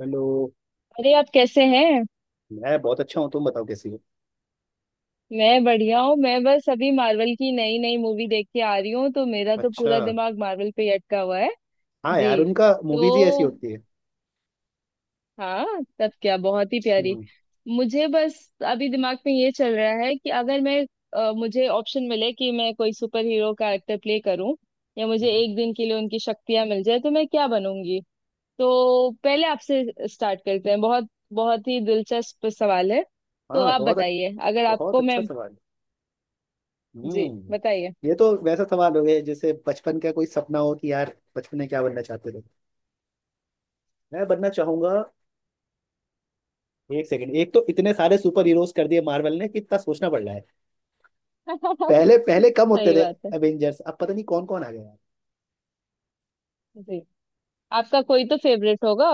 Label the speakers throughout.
Speaker 1: Hello.
Speaker 2: अरे आप कैसे हैं।
Speaker 1: मैं बहुत अच्छा हूँ। तुम बताओ कैसी हो।
Speaker 2: मैं बढ़िया हूँ। मैं बस अभी मार्वल की नई नई मूवी देख के आ रही हूँ, तो मेरा तो
Speaker 1: अच्छा।
Speaker 2: पूरा दिमाग मार्वल पे ही अटका हुआ है।
Speaker 1: हाँ यार,
Speaker 2: जी।
Speaker 1: उनका मूवीज ही ऐसी
Speaker 2: तो
Speaker 1: होती है।
Speaker 2: हाँ, तब क्या बहुत ही प्यारी।
Speaker 1: हम्म।
Speaker 2: मुझे बस अभी दिमाग में ये चल रहा है कि अगर मैं मुझे ऑप्शन मिले कि मैं कोई सुपर हीरो कैरेक्टर प्ले करूं या मुझे
Speaker 1: हम्म।
Speaker 2: एक दिन के लिए उनकी शक्तियां मिल जाए, तो मैं क्या बनूंगी। तो पहले आपसे स्टार्ट करते हैं, बहुत बहुत ही दिलचस्प सवाल है। तो
Speaker 1: हाँ,
Speaker 2: आप बताइए, अगर
Speaker 1: बहुत
Speaker 2: आपको मैं,
Speaker 1: अच्छा सवाल।
Speaker 2: जी
Speaker 1: हम्म।
Speaker 2: बताइए।
Speaker 1: ये तो वैसा सवाल हो गया जैसे बचपन का कोई सपना हो कि यार, बचपन में क्या बनना चाहते थे। मैं बनना चाहूंगा। एक सेकंड। एक तो इतने सारे सुपर हीरोज कर दिए मार्वल ने कि इतना सोचना पड़ रहा है। पहले पहले कम होते
Speaker 2: सही
Speaker 1: थे।
Speaker 2: बात है।
Speaker 1: एवेंजर्स, अब पता नहीं कौन कौन आ गया यार।
Speaker 2: जी, आपका कोई तो फेवरेट होगा।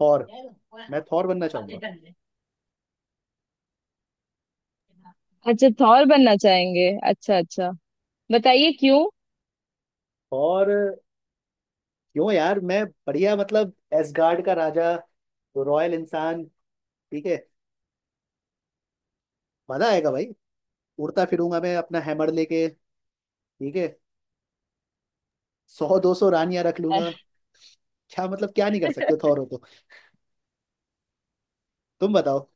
Speaker 1: थॉर। मैं थॉर बनना चाहूंगा।
Speaker 2: अच्छा, थॉर बनना चाहेंगे, अच्छा अच्छा। बताइए क्यों।
Speaker 1: और क्यों यार, मैं बढ़िया मतलब एसगार्ड का राजा, रॉयल इंसान। ठीक है, मजा आएगा भाई। उड़ता फिरूंगा मैं अपना हैमर लेके। ठीक है, सौ दो सौ रानियां रख
Speaker 2: अह,
Speaker 1: लूंगा। क्या मतलब, क्या नहीं कर सकते थॉर हो तो। तुम बताओ।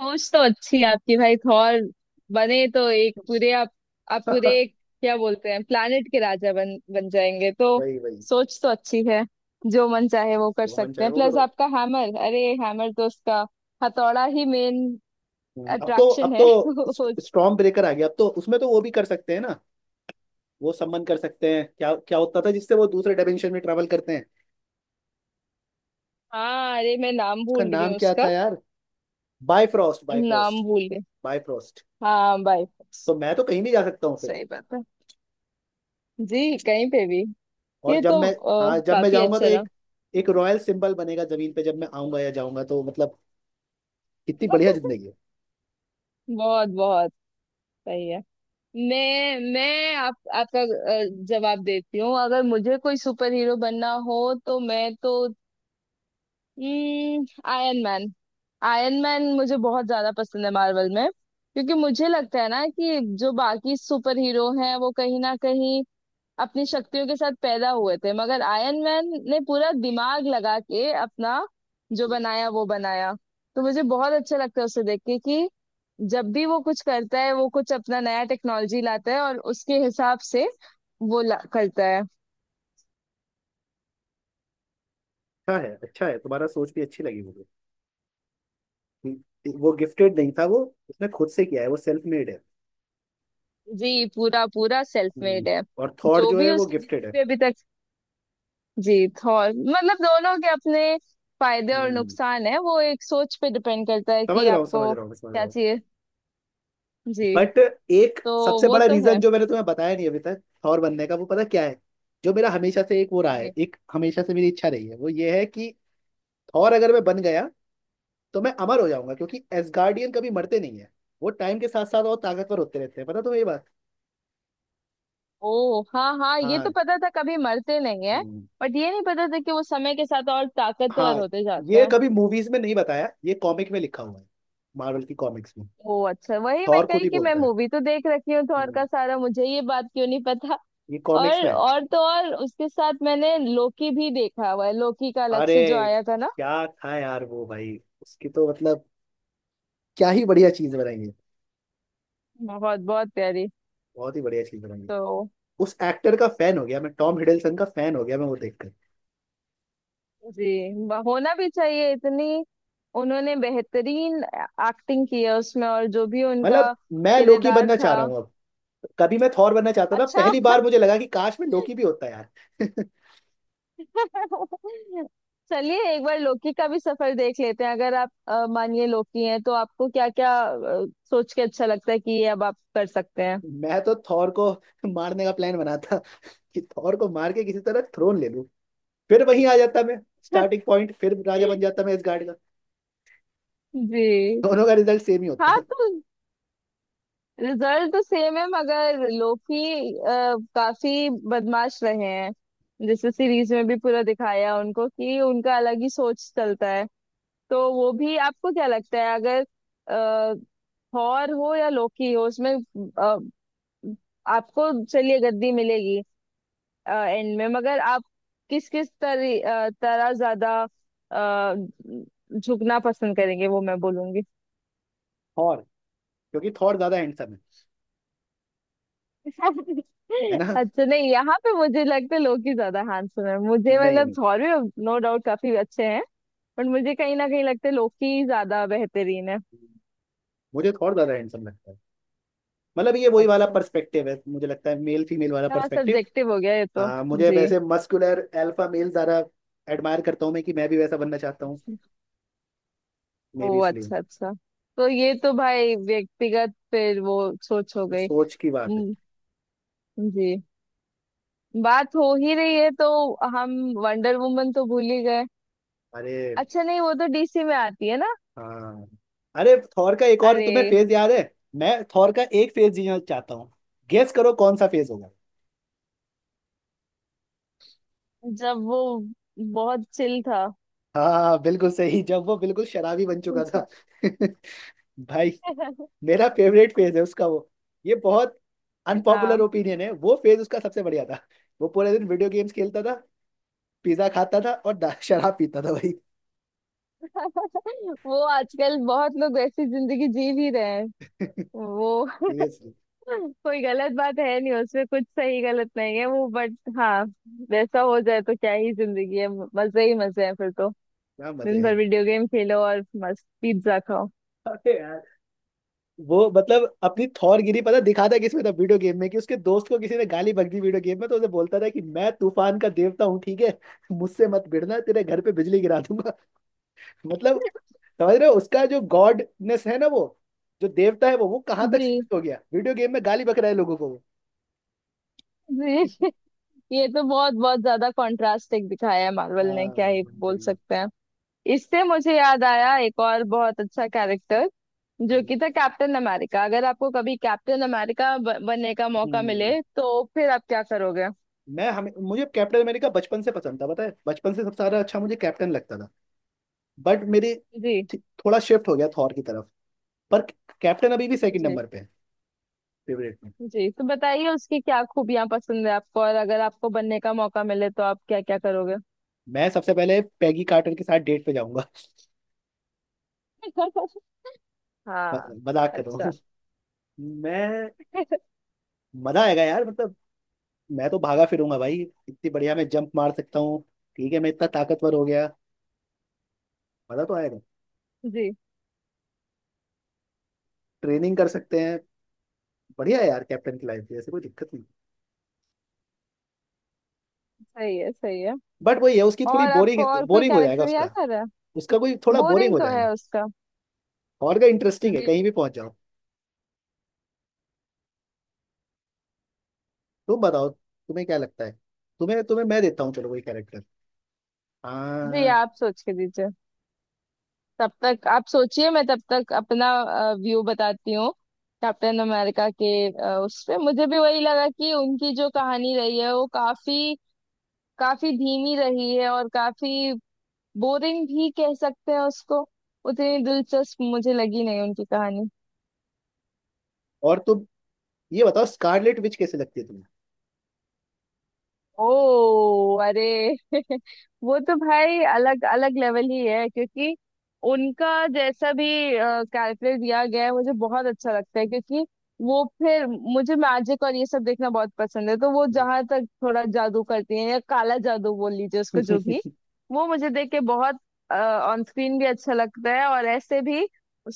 Speaker 2: सोच तो अच्छी है आपकी, भाई। थॉर बने तो एक पूरे आप पूरे एक क्या बोलते हैं, प्लानिट के राजा बन बन जाएंगे तो।
Speaker 1: वही वही।
Speaker 2: सोच तो अच्छी है। जो मन चाहे वो कर
Speaker 1: जो मन
Speaker 2: सकते
Speaker 1: चाहे
Speaker 2: हैं,
Speaker 1: वो
Speaker 2: प्लस
Speaker 1: करो।
Speaker 2: आपका हैमर, अरे हैमर तो उसका हथौड़ा ही मेन
Speaker 1: अब तो
Speaker 2: अट्रैक्शन
Speaker 1: अब
Speaker 2: है।
Speaker 1: तो स्टॉर्म ब्रेकर आ गया, अब तो उसमें तो वो भी कर सकते हैं ना। वो सम्मन कर सकते हैं क्या क्या होता था जिससे वो दूसरे डायमेंशन में ट्रेवल करते हैं।
Speaker 2: हाँ अरे, मैं नाम
Speaker 1: उसका
Speaker 2: भूल रही
Speaker 1: नाम
Speaker 2: हूँ
Speaker 1: क्या
Speaker 2: उसका।
Speaker 1: था यार? बायफ्रॉस्ट,
Speaker 2: नाम
Speaker 1: बायफ्रॉस्ट,
Speaker 2: भूल गई।
Speaker 1: बायफ्रॉस्ट।
Speaker 2: हाँ, बाय फोर्स।
Speaker 1: तो मैं तो कहीं भी जा सकता हूँ फिर।
Speaker 2: सही बात है। जी, कहीं पे भी।
Speaker 1: और
Speaker 2: ये
Speaker 1: जब
Speaker 2: तो
Speaker 1: मैं हाँ, जब मैं
Speaker 2: काफी
Speaker 1: जाऊंगा तो
Speaker 2: अच्छा रहा।
Speaker 1: एक एक रॉयल सिंबल बनेगा जमीन पे, जब मैं आऊंगा या जाऊंगा तो मतलब कितनी बढ़िया जिंदगी है।
Speaker 2: बहुत बहुत। सही है। मैं आप आपका जवाब देती हूँ। अगर मुझे कोई सुपर हीरो बनना हो, तो मैं तो आयरन मैन। आयरन मैन मुझे बहुत ज्यादा पसंद है मार्वल में, क्योंकि मुझे लगता है ना कि जो बाकी सुपर हीरो हैं वो कहीं ना कहीं अपनी शक्तियों के साथ पैदा हुए थे, मगर आयरन मैन ने पूरा दिमाग लगा के अपना जो बनाया वो बनाया। तो मुझे बहुत अच्छा लगता है उसे देख के कि जब भी वो कुछ करता है, वो कुछ अपना नया टेक्नोलॉजी लाता है और उसके हिसाब से वो करता है।
Speaker 1: अच्छा है, अच्छा है, तुम्हारा सोच भी अच्छी लगी मुझे, कि वो गिफ्टेड नहीं था, वो उसने खुद से किया है, वो सेल्फ मेड है।
Speaker 2: जी, पूरा पूरा सेल्फ
Speaker 1: हम्म।
Speaker 2: मेड है।
Speaker 1: और थॉट
Speaker 2: जो
Speaker 1: जो है
Speaker 2: भी
Speaker 1: वो
Speaker 2: उसके
Speaker 1: गिफ्टेड है।
Speaker 2: जितने अभी तक, जी थॉर मतलब दोनों के अपने फायदे और
Speaker 1: हम्म।
Speaker 2: नुकसान है। वो एक सोच पे डिपेंड करता है
Speaker 1: समझ
Speaker 2: कि
Speaker 1: रहा हूँ, समझ
Speaker 2: आपको
Speaker 1: रहा हूँ, समझ रहा
Speaker 2: क्या
Speaker 1: हूँ।
Speaker 2: चाहिए। जी।
Speaker 1: बट एक
Speaker 2: तो
Speaker 1: सबसे
Speaker 2: वो
Speaker 1: बड़ा
Speaker 2: तो है।
Speaker 1: रीजन जो मैंने तुम्हें बताया नहीं अभी तक थॉर बनने का, वो पता क्या है? जो मेरा हमेशा से एक वो रहा है,
Speaker 2: जी।
Speaker 1: एक हमेशा से मेरी इच्छा रही है, वो ये है कि थॉर अगर मैं बन गया तो मैं अमर हो जाऊंगा, क्योंकि एसगार्डियन कभी मरते नहीं है। वो टाइम के साथ साथ और ताकतवर होते रहते हैं, पता तुम्हें ये बात?
Speaker 2: ओ हाँ हाँ, ये तो
Speaker 1: हाँ।
Speaker 2: पता था कभी मरते नहीं है।
Speaker 1: हम्म।
Speaker 2: बट ये नहीं पता था कि वो समय के साथ और ताकतवर
Speaker 1: हाँ,
Speaker 2: होते जाते
Speaker 1: ये
Speaker 2: हैं।
Speaker 1: कभी मूवीज में नहीं बताया, ये कॉमिक में लिखा हुआ है, मार्वल की कॉमिक्स में।
Speaker 2: ओ अच्छा, वही मैं
Speaker 1: थॉर खुद
Speaker 2: कही
Speaker 1: ही
Speaker 2: कि मैं
Speaker 1: बोलता है।
Speaker 2: मूवी तो देख रखी हूँ थॉर
Speaker 1: हम्म।
Speaker 2: का सारा, मुझे ये बात क्यों नहीं पता।
Speaker 1: ये कॉमिक्स में है।
Speaker 2: और तो और, उसके साथ मैंने लोकी भी देखा हुआ है, लोकी का अलग
Speaker 1: अरे,
Speaker 2: से जो आया था ना।
Speaker 1: क्या था यार वो भाई। उसकी तो मतलब क्या ही बढ़िया चीज बनाई है।
Speaker 2: बहुत बहुत प्यारी।
Speaker 1: बहुत ही बढ़िया चीज बनाई है।
Speaker 2: तो
Speaker 1: उस एक्टर का फैन हो गया मैं, टॉम हिडलसन का फैन हो गया मैं वो देखकर।
Speaker 2: जी, होना भी चाहिए, इतनी उन्होंने बेहतरीन एक्टिंग की है उसमें, और जो भी उनका
Speaker 1: मतलब मैं लोकी
Speaker 2: किरदार
Speaker 1: बनना चाह
Speaker 2: था।
Speaker 1: रहा हूँ अब। कभी मैं थॉर बनना चाहता था,
Speaker 2: अच्छा।
Speaker 1: पहली बार मुझे लगा कि काश मैं लोकी भी होता यार।
Speaker 2: चलिए एक बार लोकी का भी सफर देख लेते हैं। अगर आप मानिए लोकी हैं, तो आपको क्या क्या सोच के अच्छा लगता है कि ये अब आप कर सकते हैं।
Speaker 1: मैं तो थॉर को मारने का प्लान बनाता, कि थॉर को मार के किसी तरह थ्रोन ले लूं। फिर वहीं आ जाता मैं, स्टार्टिंग पॉइंट, फिर राजा बन जाता मैं इस गार्ड का।
Speaker 2: जी।
Speaker 1: दोनों का रिजल्ट सेम ही होता
Speaker 2: हाँ
Speaker 1: है।
Speaker 2: तो, रिजल्ट तो सेम है मगर लोकी काफी बदमाश रहे हैं। जैसे सीरीज में भी पूरा दिखाया उनको कि उनका अलग ही सोच चलता है। तो वो भी, आपको क्या लगता है, अगर अ, थॉर हो या लोकी हो, उसमें आपको चलिए गद्दी मिलेगी एंड में, मगर आप किस किस तरह ज्यादा अ, झुकना पसंद करेंगे वो मैं बोलूंगी।
Speaker 1: थॉर, क्योंकि थॉर ज्यादा हैंडसम है। है ना?
Speaker 2: अच्छा नहीं, यहाँ पे मुझे लगता है लोग ही ज्यादा हैंडसम है मुझे,
Speaker 1: नहीं
Speaker 2: मतलब
Speaker 1: नहीं,
Speaker 2: थॉर भी नो डाउट काफी अच्छे हैं, बट मुझे कहीं ना कहीं लगता है लोग ही ज्यादा बेहतरीन है।
Speaker 1: मुझे थॉर ज्यादा हैंडसम लगता है। मतलब ये वही वाला
Speaker 2: अच्छा,
Speaker 1: पर्सपेक्टिव है, मुझे लगता है, मेल फीमेल वाला
Speaker 2: हाँ
Speaker 1: पर्सपेक्टिव।
Speaker 2: सब्जेक्टिव हो गया ये तो।
Speaker 1: मुझे
Speaker 2: जी।
Speaker 1: वैसे मस्कुलर अल्फा मेल ज्यादा एडमायर करता हूँ मैं, कि मैं भी वैसा बनना चाहता हूँ
Speaker 2: अच्छा।
Speaker 1: मे भी,
Speaker 2: ओ
Speaker 1: इसलिए।
Speaker 2: अच्छा अच्छा, तो ये तो भाई व्यक्तिगत फिर वो सोच हो गई।
Speaker 1: सोच की बात है।
Speaker 2: हम्म। जी। बात हो ही रही है तो, हम वंडर वुमन तो भूल ही गए।
Speaker 1: अरे
Speaker 2: अच्छा नहीं, वो तो डीसी में आती है ना।
Speaker 1: हाँ। अरे, थॉर का एक और
Speaker 2: अरे,
Speaker 1: तुम्हें फेज याद है? मैं थॉर का एक फेज जीना चाहता हूँ। गेस करो कौन सा फेज होगा।
Speaker 2: जब वो बहुत चिल था।
Speaker 1: हाँ बिल्कुल सही, जब वो बिल्कुल शराबी बन चुका था। भाई, मेरा फेवरेट फेज है उसका वो। ये बहुत अनपॉपुलर
Speaker 2: हाँ।
Speaker 1: ओपिनियन है, वो फेज उसका सबसे बढ़िया था। वो पूरे दिन वीडियो गेम्स खेलता था, पिज्जा खाता था और शराब पीता था भाई।
Speaker 2: वो आजकल बहुत लोग ऐसी जिंदगी जी भी रहे हैं। वो
Speaker 1: सीरियसली,
Speaker 2: कोई गलत बात है नहीं उसमें, कुछ सही गलत नहीं है वो, बट हाँ, वैसा हो जाए तो क्या ही जिंदगी है, मजे ही मजे हैं फिर तो।
Speaker 1: क्या मजे
Speaker 2: दिन भर
Speaker 1: हैं।
Speaker 2: वीडियो गेम खेलो और मस्त पिज्जा खाओ।
Speaker 1: अरे यार, वो मतलब अपनी थौरगिरी पता दिखाता किसमें था, वीडियो गेम में। कि उसके दोस्त को किसी ने गाली बक दी वीडियो गेम में तो उसे बोलता था कि मैं तूफान का देवता हूँ, ठीक है, मुझसे मत भिड़ना, तेरे घर पे बिजली गिरा दूंगा। मतलब समझ रहे हो, उसका जो गॉडनेस है ना, वो जो देवता है वो कहाँ तक
Speaker 2: जी।
Speaker 1: सीमित हो गया, वीडियो गेम में गाली बक रहा है लोगों को वो।
Speaker 2: जी, ये तो बहुत बहुत ज्यादा कॉन्ट्रास्टिंग दिखाया है मार्वल ने,
Speaker 1: हाँ,
Speaker 2: क्या ही बोल
Speaker 1: वही।
Speaker 2: सकते हैं। इससे मुझे याद आया एक और बहुत अच्छा कैरेक्टर, जो
Speaker 1: हम्म।
Speaker 2: कि था कैप्टन अमेरिका। अगर आपको कभी कैप्टन अमेरिका बनने का मौका मिले,
Speaker 1: हम्म।
Speaker 2: तो फिर आप क्या करोगे।
Speaker 1: मैं हमें मुझे कैप्टन अमेरिका बचपन से पसंद था, पता है, बचपन से सबसे ज्यादा अच्छा मुझे कैप्टन लगता था। बट मेरी
Speaker 2: जी।
Speaker 1: थी- थोड़ा शिफ्ट हो गया थॉर की तरफ। पर कैप्टन अभी भी सेकंड
Speaker 2: जी।
Speaker 1: नंबर पे है, फेवरेट में।
Speaker 2: जी तो बताइए, उसकी क्या खूबियां पसंद है आपको, और अगर आपको बनने का मौका मिले तो आप क्या क्या करोगे।
Speaker 1: मैं सबसे पहले पैगी कार्टर के साथ डेट पे जाऊंगा।
Speaker 2: हाँ।
Speaker 1: म- मजाक कर रहा हूँ।
Speaker 2: अच्छा।
Speaker 1: मैं मजा आएगा यार, मतलब मैं तो भागा फिरूंगा भाई। इतनी बढ़िया मैं जंप मार सकता हूँ, ठीक है, मैं इतना ताकतवर हो गया, मजा तो आएगा।
Speaker 2: जी।
Speaker 1: ट्रेनिंग कर सकते हैं। बढ़िया है यार, कैप्टन की लाइफ भी ऐसे कोई दिक्कत नहीं।
Speaker 2: सही है सही है।
Speaker 1: बट वही है, उसकी थोड़ी
Speaker 2: और आपको
Speaker 1: बोरिंग
Speaker 2: और कोई
Speaker 1: बोरिंग हो जाएगा
Speaker 2: कैरेक्टर याद
Speaker 1: उसका।
Speaker 2: आ रहा है।
Speaker 1: उसका कोई थोड़ा बोरिंग
Speaker 2: बोरिंग
Speaker 1: हो
Speaker 2: तो
Speaker 1: जाएगा।
Speaker 2: है उसका।
Speaker 1: और का इंटरेस्टिंग है,
Speaker 2: जी।
Speaker 1: कहीं भी पहुंच जाओ। तुम बताओ, तुम्हें क्या लगता है। तुम्हें तुम्हें मैं देता हूँ, चलो कोई कैरेक्टर।
Speaker 2: जी
Speaker 1: हाँ।
Speaker 2: आप सोच के दीजिए, तब तक आप सोचिए, मैं तब तक अपना व्यू बताती हूँ। कैप्टन अमेरिका के उस पे मुझे भी वही लगा कि उनकी जो कहानी रही है वो काफी काफी धीमी रही है, और काफी बोरिंग भी कह सकते हैं उसको, उतनी दिलचस्प मुझे लगी नहीं उनकी कहानी।
Speaker 1: और तुम ये बताओ, स्कारलेट विच कैसे लगती है तुम्हें?
Speaker 2: ओ, अरे। वो तो भाई अलग अलग लेवल ही है, क्योंकि उनका जैसा भी कैरेक्टर दिया गया है मुझे बहुत अच्छा लगता है, क्योंकि वो फिर, मुझे मैजिक और ये सब देखना बहुत पसंद है, तो वो जहां तक थोड़ा जादू करती है या काला जादू बोल लीजिए उसको, जो भी, वो मुझे देख के बहुत, ऑन स्क्रीन भी अच्छा लगता है। और ऐसे भी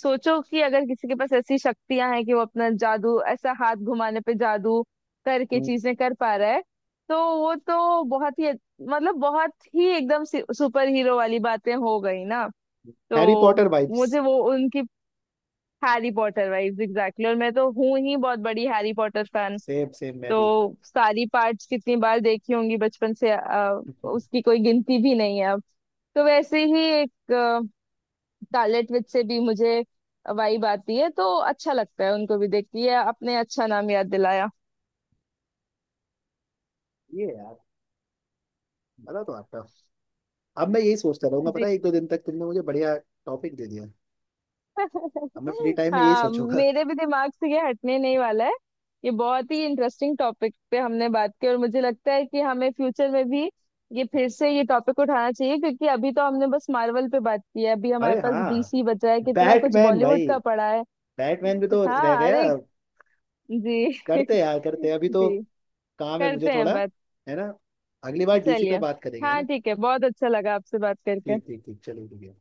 Speaker 2: सोचो कि अगर किसी के पास ऐसी शक्तियां हैं कि वो अपना जादू ऐसा हाथ घुमाने पे जादू करके चीजें कर पा रहा है, तो वो तो बहुत ही, मतलब बहुत ही एकदम सुपर हीरो वाली बातें हो गई ना। तो
Speaker 1: हैरी पॉटर वाइब्स।
Speaker 2: मुझे वो उनकी, हैरी पॉटर वाइब्स एग्जैक्टली, और मैं तो हूँ ही बहुत बड़ी Harry Potter fan.
Speaker 1: Same same, मैं भी।
Speaker 2: तो सारी पार्ट्स कितनी बार देखी होंगी बचपन से उसकी कोई गिनती भी नहीं है अब। तो वैसे ही एक स्कारलेट विच से भी मुझे वाइब आती है, तो अच्छा लगता है उनको भी देख के, ये आपने अच्छा नाम याद दिलाया।
Speaker 1: ये यार, मजा तो आता है। अब मैं यही सोचता रहूंगा,
Speaker 2: जी।
Speaker 1: पता है, एक दो दिन तक, तुमने मुझे बढ़िया टॉपिक दे दिया। अब मैं फ्री टाइम में यही
Speaker 2: हाँ,
Speaker 1: सोचूंगा।
Speaker 2: मेरे भी दिमाग से ये हटने नहीं वाला है। ये बहुत ही इंटरेस्टिंग टॉपिक पे हमने बात की, और मुझे लगता है कि हमें फ्यूचर में भी ये फिर से, ये टॉपिक उठाना चाहिए, क्योंकि अभी तो हमने बस मार्वल पे बात की है, अभी हमारे
Speaker 1: अरे
Speaker 2: पास
Speaker 1: हाँ,
Speaker 2: डीसी बचा है, कितना कुछ
Speaker 1: बैटमैन
Speaker 2: बॉलीवुड
Speaker 1: भाई,
Speaker 2: का पड़ा है।
Speaker 1: बैटमैन भी तो रह
Speaker 2: हाँ
Speaker 1: गया।
Speaker 2: अरे। जी।
Speaker 1: करते हैं यार, करते हैं, अभी तो
Speaker 2: जी,
Speaker 1: काम है मुझे
Speaker 2: करते हैं
Speaker 1: थोड़ा,
Speaker 2: बात।
Speaker 1: है ना? अगली बार डीसी पे
Speaker 2: चलिए।
Speaker 1: बात करेंगे, है
Speaker 2: हाँ
Speaker 1: ना?
Speaker 2: ठीक है, बहुत अच्छा लगा आपसे बात
Speaker 1: ठीक,
Speaker 2: करके।
Speaker 1: ठीक, ठीक, चलो ठीक है।